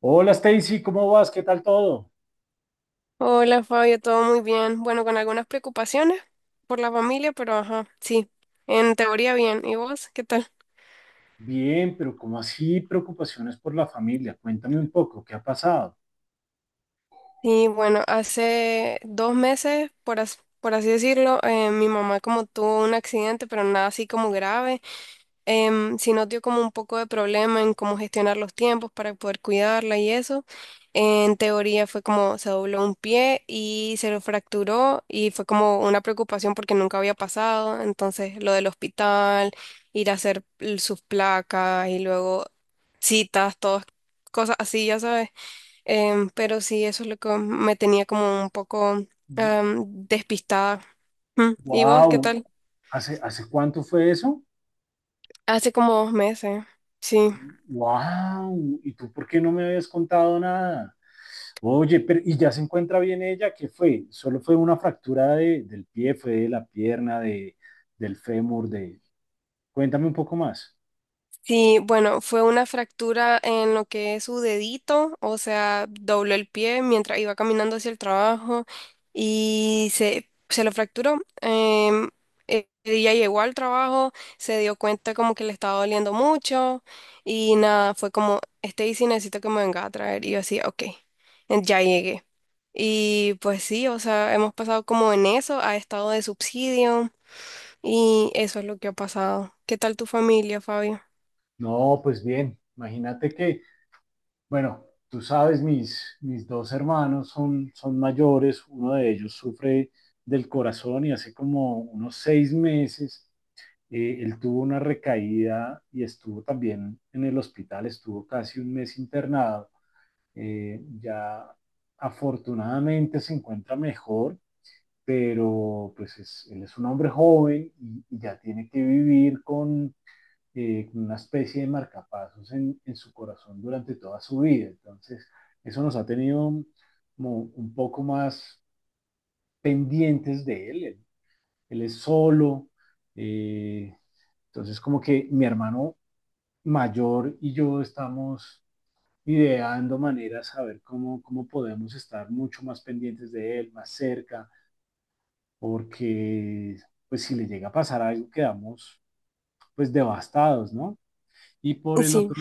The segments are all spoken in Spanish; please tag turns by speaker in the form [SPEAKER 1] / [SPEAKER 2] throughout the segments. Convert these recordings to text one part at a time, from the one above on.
[SPEAKER 1] Hola Stacy, ¿cómo vas? ¿Qué tal todo?
[SPEAKER 2] Hola Fabio, todo muy bien. Bueno, con algunas preocupaciones por la familia, pero ajá, sí, en teoría bien. ¿Y vos qué tal?
[SPEAKER 1] Bien, pero ¿cómo así preocupaciones por la familia? Cuéntame un poco, ¿qué ha pasado?
[SPEAKER 2] Y bueno, hace 2 meses, por así decirlo, mi mamá como tuvo un accidente, pero nada así como grave. Sí nos dio como un poco de problema en cómo gestionar los tiempos para poder cuidarla y eso. En teoría fue como se dobló un pie y se lo fracturó y fue como una preocupación porque nunca había pasado. Entonces lo del hospital, ir a sus placas y luego citas, todas cosas así, ya sabes. Pero sí, eso es lo que me tenía como un poco despistada. Mm, ¿y vos qué
[SPEAKER 1] Wow,
[SPEAKER 2] tal?
[SPEAKER 1] ¿hace cuánto fue eso?
[SPEAKER 2] Hace como 2 meses, sí.
[SPEAKER 1] Wow, ¿y tú por qué no me habías contado nada? Oye, pero ¿y ya se encuentra bien ella? ¿Qué fue? ¿Solo fue una del pie, fue de la pierna, de, del fémur, de... Cuéntame un poco más.
[SPEAKER 2] Sí, bueno, fue una fractura en lo que es su dedito, o sea, dobló el pie mientras iba caminando hacia el trabajo y se lo fracturó. Ella llegó al trabajo, se dio cuenta como que le estaba doliendo mucho y nada, fue como, Stacy, necesito que me venga a traer. Y yo así, ok, ya llegué. Y pues sí, o sea, hemos pasado como en eso, a estado de subsidio y eso es lo que ha pasado. ¿Qué tal tu familia, Fabio?
[SPEAKER 1] No, pues bien, imagínate que bueno, tú sabes, mis dos hermanos son mayores, uno de ellos sufre del corazón y hace como unos 6 meses él tuvo una recaída y estuvo también en el hospital, estuvo casi un mes internado. Ya afortunadamente se encuentra mejor, pero pues es, él es un hombre joven y ya tiene que vivir con una especie de marcapasos en su corazón durante toda su vida. Entonces, eso nos ha tenido como un poco más pendientes de él. Él es solo. Eh, entonces, como que mi hermano mayor y yo estamos ideando maneras a ver cómo podemos estar mucho más pendientes de él, más cerca, porque pues si le llega a pasar algo quedamos pues devastados, ¿no? Y por el
[SPEAKER 2] Sí.
[SPEAKER 1] otro,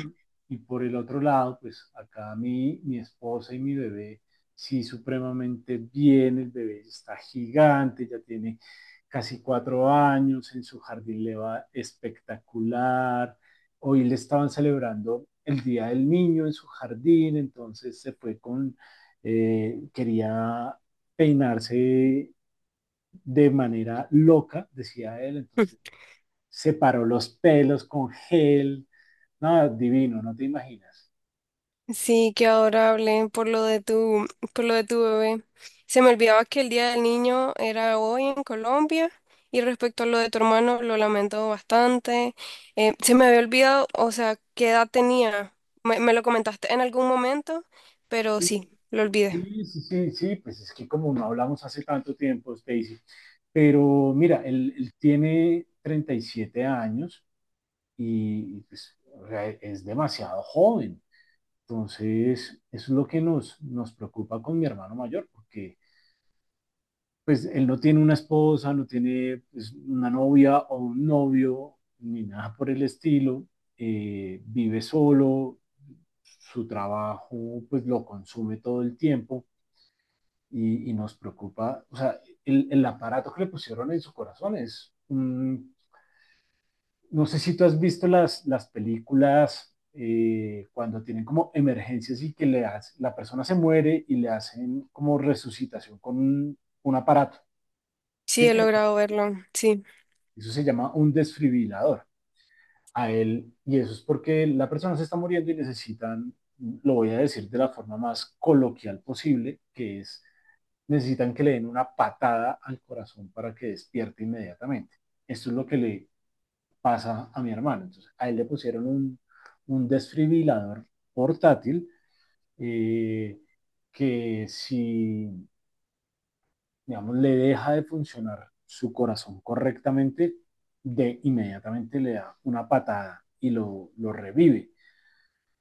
[SPEAKER 1] y por el otro lado, pues acá mi, mi esposa y mi bebé, sí, supremamente bien, el bebé está gigante, ya tiene casi 4 años, en su jardín le va espectacular. Hoy le estaban celebrando el Día del Niño en su jardín, entonces se fue con, quería peinarse de manera loca, decía él, entonces se paró los pelos con gel, no, divino, no te imaginas.
[SPEAKER 2] Sí, qué adorable por lo de por lo de tu bebé. Se me olvidaba que el Día del Niño era hoy en Colombia y respecto a lo de tu hermano lo lamento bastante. Se me había olvidado, o sea, qué edad tenía. Me lo comentaste en algún momento, pero
[SPEAKER 1] Sí,
[SPEAKER 2] sí, lo olvidé.
[SPEAKER 1] sí, sí, sí, sí, pues es que como no hablamos hace tanto tiempo, Stacy, pero mira, él tiene 37 años y pues, o sea, es demasiado joven. Entonces, eso es lo que nos preocupa con mi hermano mayor, porque pues él no tiene una esposa, no tiene pues, una novia o un novio, ni nada por el estilo, vive solo, su trabajo pues lo consume todo el tiempo y nos preocupa, o sea, aparato que le pusieron en su corazón es, mm, no sé si tú has visto las películas cuando tienen como emergencias y que le hace, la persona se muere y le hacen como resucitación con un aparato,
[SPEAKER 2] Sí,
[SPEAKER 1] ¿sí?
[SPEAKER 2] he
[SPEAKER 1] Que le,
[SPEAKER 2] logrado verlo. Sí,
[SPEAKER 1] eso se llama un desfibrilador a él y eso es porque la persona se está muriendo y necesitan, lo voy a decir de la forma más coloquial posible, que es necesitan que le den una patada al corazón para que despierte inmediatamente. Esto es lo que le pasa a mi hermano. Entonces, a él le pusieron un desfibrilador portátil eh, que si, digamos, le deja de funcionar su corazón correctamente, de inmediatamente le da una patada y lo revive.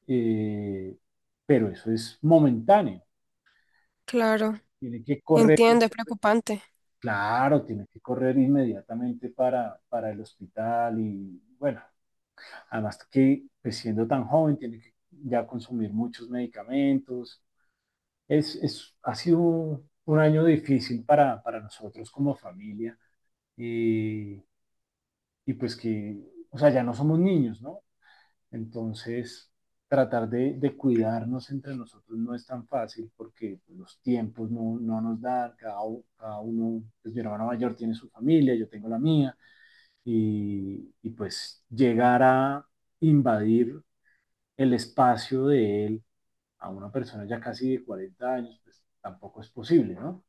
[SPEAKER 1] Eh, pero eso es momentáneo.
[SPEAKER 2] claro.
[SPEAKER 1] Tiene que correr
[SPEAKER 2] Entiendo, es preocupante.
[SPEAKER 1] claro, tiene que correr inmediatamente para el hospital y bueno, además que pues, siendo tan joven tiene que ya consumir muchos medicamentos. Ha sido un año difícil para nosotros como familia y, y pues que, o sea, ya no somos niños, ¿no? Entonces, tratar de cuidarnos entre nosotros no es tan fácil porque los tiempos no nos dan, cada, cada uno, pues mi hermano mayor tiene su familia, yo tengo la mía, y pues llegar a invadir el espacio de él a una persona ya casi de 40 años, pues tampoco es posible, ¿no?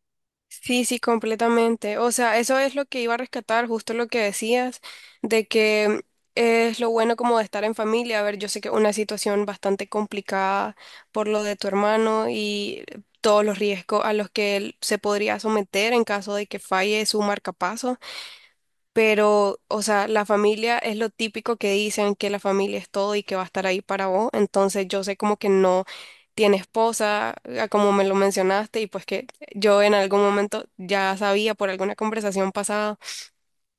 [SPEAKER 2] Sí, sí, completamente. O sea, eso es lo que iba a rescatar, justo lo que decías, de que es lo bueno como de estar en familia. A ver, yo sé que es una situación bastante complicada por lo de tu hermano y todos los riesgos a los que él se podría someter en caso de que falle su marcapaso, pero, o sea, la familia es lo típico que dicen, que la familia es todo y que va a estar ahí para vos, entonces yo sé como que no tiene esposa, a como me lo mencionaste, y pues que yo en algún momento ya sabía por alguna conversación pasada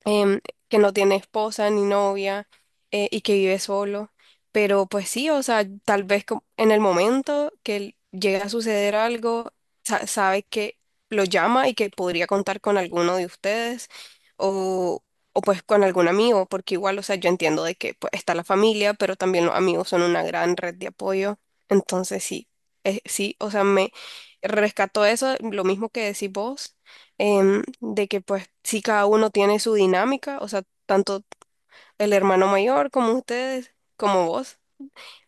[SPEAKER 2] em, que no tiene esposa ni novia, y que vive solo. Pero pues sí, o sea, tal vez en el momento que llegue a suceder algo, sabe que lo llama y que podría contar con alguno de ustedes o, o pues con algún amigo, porque igual, o sea, yo entiendo de que pues, está la familia, pero también los amigos son una gran red de apoyo. Entonces sí, sí, o sea, me rescató eso, lo mismo que decís vos, de que pues sí cada uno tiene su dinámica, o sea, tanto el hermano mayor como ustedes, como vos,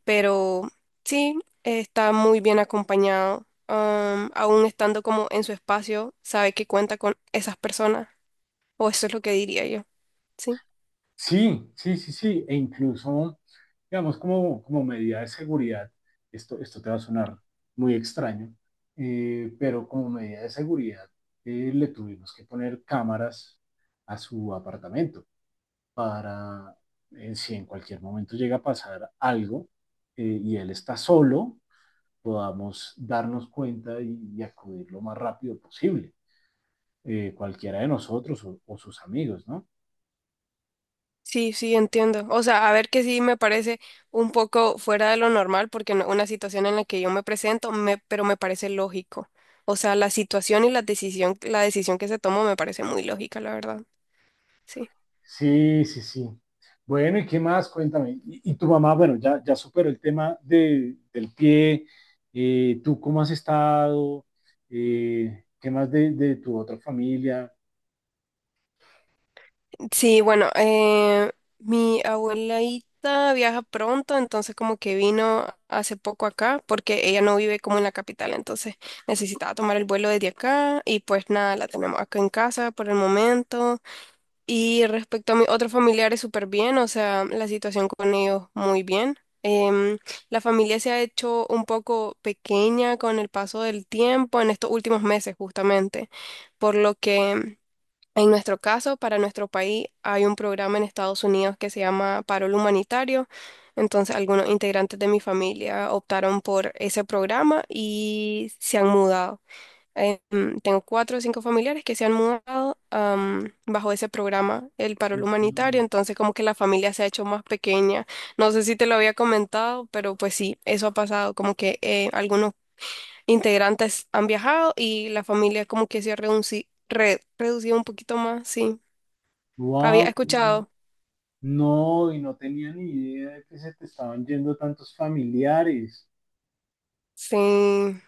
[SPEAKER 2] pero sí, está muy bien acompañado, aún estando como en su espacio, sabe que cuenta con esas personas, o eso es lo que diría yo. Sí.
[SPEAKER 1] Sí, sí, sí, sí, e incluso, digamos, como, como medida de seguridad, esto te va a sonar muy extraño, pero como medida de seguridad le tuvimos que poner cámaras a su apartamento para si en cualquier momento llega a pasar algo y él está solo, podamos darnos cuenta y acudir lo más rápido posible, cualquiera de nosotros o, sus amigos, ¿no?
[SPEAKER 2] Sí, sí, entiendo. O sea, a ver que sí me parece un poco fuera de lo normal, porque no- una situación en la que yo me presento, pero me parece lógico. O sea, la situación y la decisión que se tomó me parece muy lógica, la verdad. Sí.
[SPEAKER 1] Sí, sí, sí. Bueno, ¿y qué más? Cuéntame. Y tu mamá, bueno, ya, ya superó el tema de, del pie. ¿Tú cómo has estado? ¿Qué más de, tu otra familia?
[SPEAKER 2] Sí, bueno, mi abuelita viaja pronto, entonces como que vino hace poco acá, porque ella no vive como en la capital, entonces necesitaba tomar el vuelo desde acá y pues nada, la tenemos acá en casa por el momento. Y respecto a mis otros familiares, súper bien, o sea, la situación con ellos muy bien. Em, la familia se ha hecho un poco pequeña con el paso del tiempo en estos últimos meses, justamente, por lo que en nuestro caso, para nuestro país, hay un programa en Estados Unidos que se llama Parol Humanitario. Entonces, algunos integrantes de mi familia optaron por ese programa y se han mudado. Tengo 4 o 5 familiares que se han mudado bajo ese programa, el paro humanitario, entonces como que la familia se ha hecho más pequeña. No sé si te lo había comentado, pero pues sí, eso ha pasado, como que algunos integrantes han viajado y la familia como que se ha reducido un poquito más, sí. Había
[SPEAKER 1] Wow,
[SPEAKER 2] escuchado,
[SPEAKER 1] no, y no tenía ni idea de que se te estaban yendo tantos familiares.
[SPEAKER 2] sí,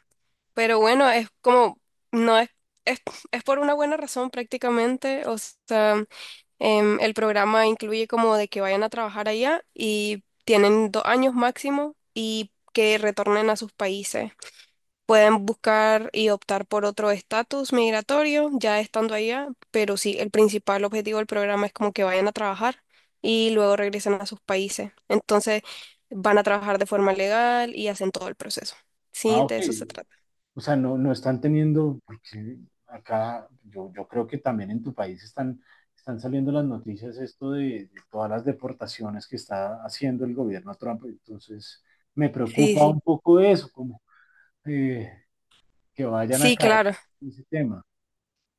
[SPEAKER 2] pero bueno, es como, no es, es, es por una buena razón prácticamente, o sea... El programa incluye como de que vayan a trabajar allá y tienen 2 años máximo y que retornen a sus países. Pueden buscar y optar por otro estatus migratorio ya estando allá, pero sí, el principal objetivo del programa es como que vayan a trabajar y luego regresen a sus países. Entonces van a trabajar de forma legal y hacen todo el proceso.
[SPEAKER 1] Ah,
[SPEAKER 2] Sí,
[SPEAKER 1] ok,
[SPEAKER 2] de eso se trata.
[SPEAKER 1] o sea, no, no están teniendo, porque acá yo, yo creo que también en tu país están, están saliendo las noticias esto de todas las deportaciones que está haciendo el gobierno Trump. Entonces, me
[SPEAKER 2] Sí,
[SPEAKER 1] preocupa
[SPEAKER 2] sí.
[SPEAKER 1] un poco eso, como eh, que vayan a
[SPEAKER 2] Sí,
[SPEAKER 1] caer
[SPEAKER 2] claro.
[SPEAKER 1] en ese tema.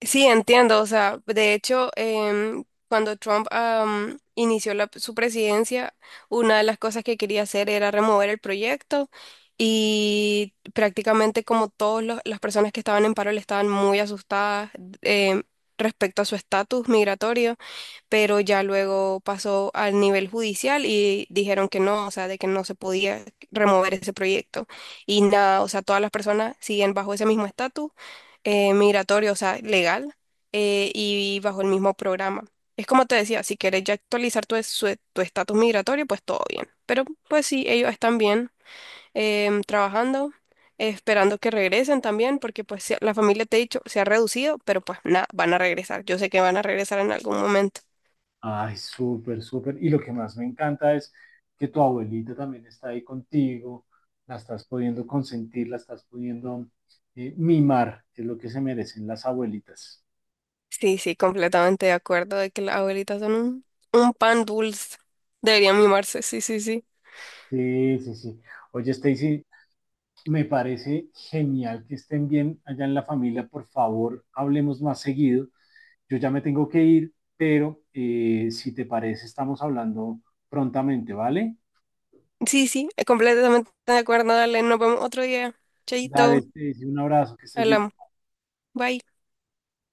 [SPEAKER 2] Sí, entiendo. O sea, de hecho, cuando Trump, inició su presidencia, una de las cosas que quería hacer era remover el proyecto y prácticamente como todas las personas que estaban en paro le estaban muy asustadas em, respecto a su estatus migratorio, pero ya luego pasó al nivel judicial y dijeron que no, o sea, de que no se podía remover ese proyecto. Y nada, o sea, todas las personas siguen bajo ese mismo estatus, migratorio, o sea, legal, y bajo el mismo programa. Es como te decía, si quieres ya actualizar tu tu estatus migratorio, pues todo bien. Pero pues sí, ellos están bien, trabajando, esperando que regresen también, porque pues la familia, te he dicho, se ha reducido, pero pues nada, van a regresar. Yo sé que van a regresar en algún momento.
[SPEAKER 1] Ay, súper, súper. Y lo que más me encanta es que tu abuelita también está ahí contigo, la estás pudiendo consentir, la estás pudiendo mimar, que es lo que se merecen las abuelitas.
[SPEAKER 2] Sí, sí, completamente de acuerdo de que las abuelitas son un pan dulce. Deberían mimarse, sí, sí, sí.
[SPEAKER 1] Sí, sí, sí. Oye, Stacy, me parece genial que estén bien allá en la familia. Por favor, hablemos más seguido. Yo ya me tengo que ir, pero si te parece, estamos hablando prontamente, ¿vale?
[SPEAKER 2] Sí, sí, completamente de acuerdo. Dale, nos vemos otro día.
[SPEAKER 1] Dale,
[SPEAKER 2] Chaito,
[SPEAKER 1] Stacy, un abrazo, que estés bien.
[SPEAKER 2] hablamos. Bye.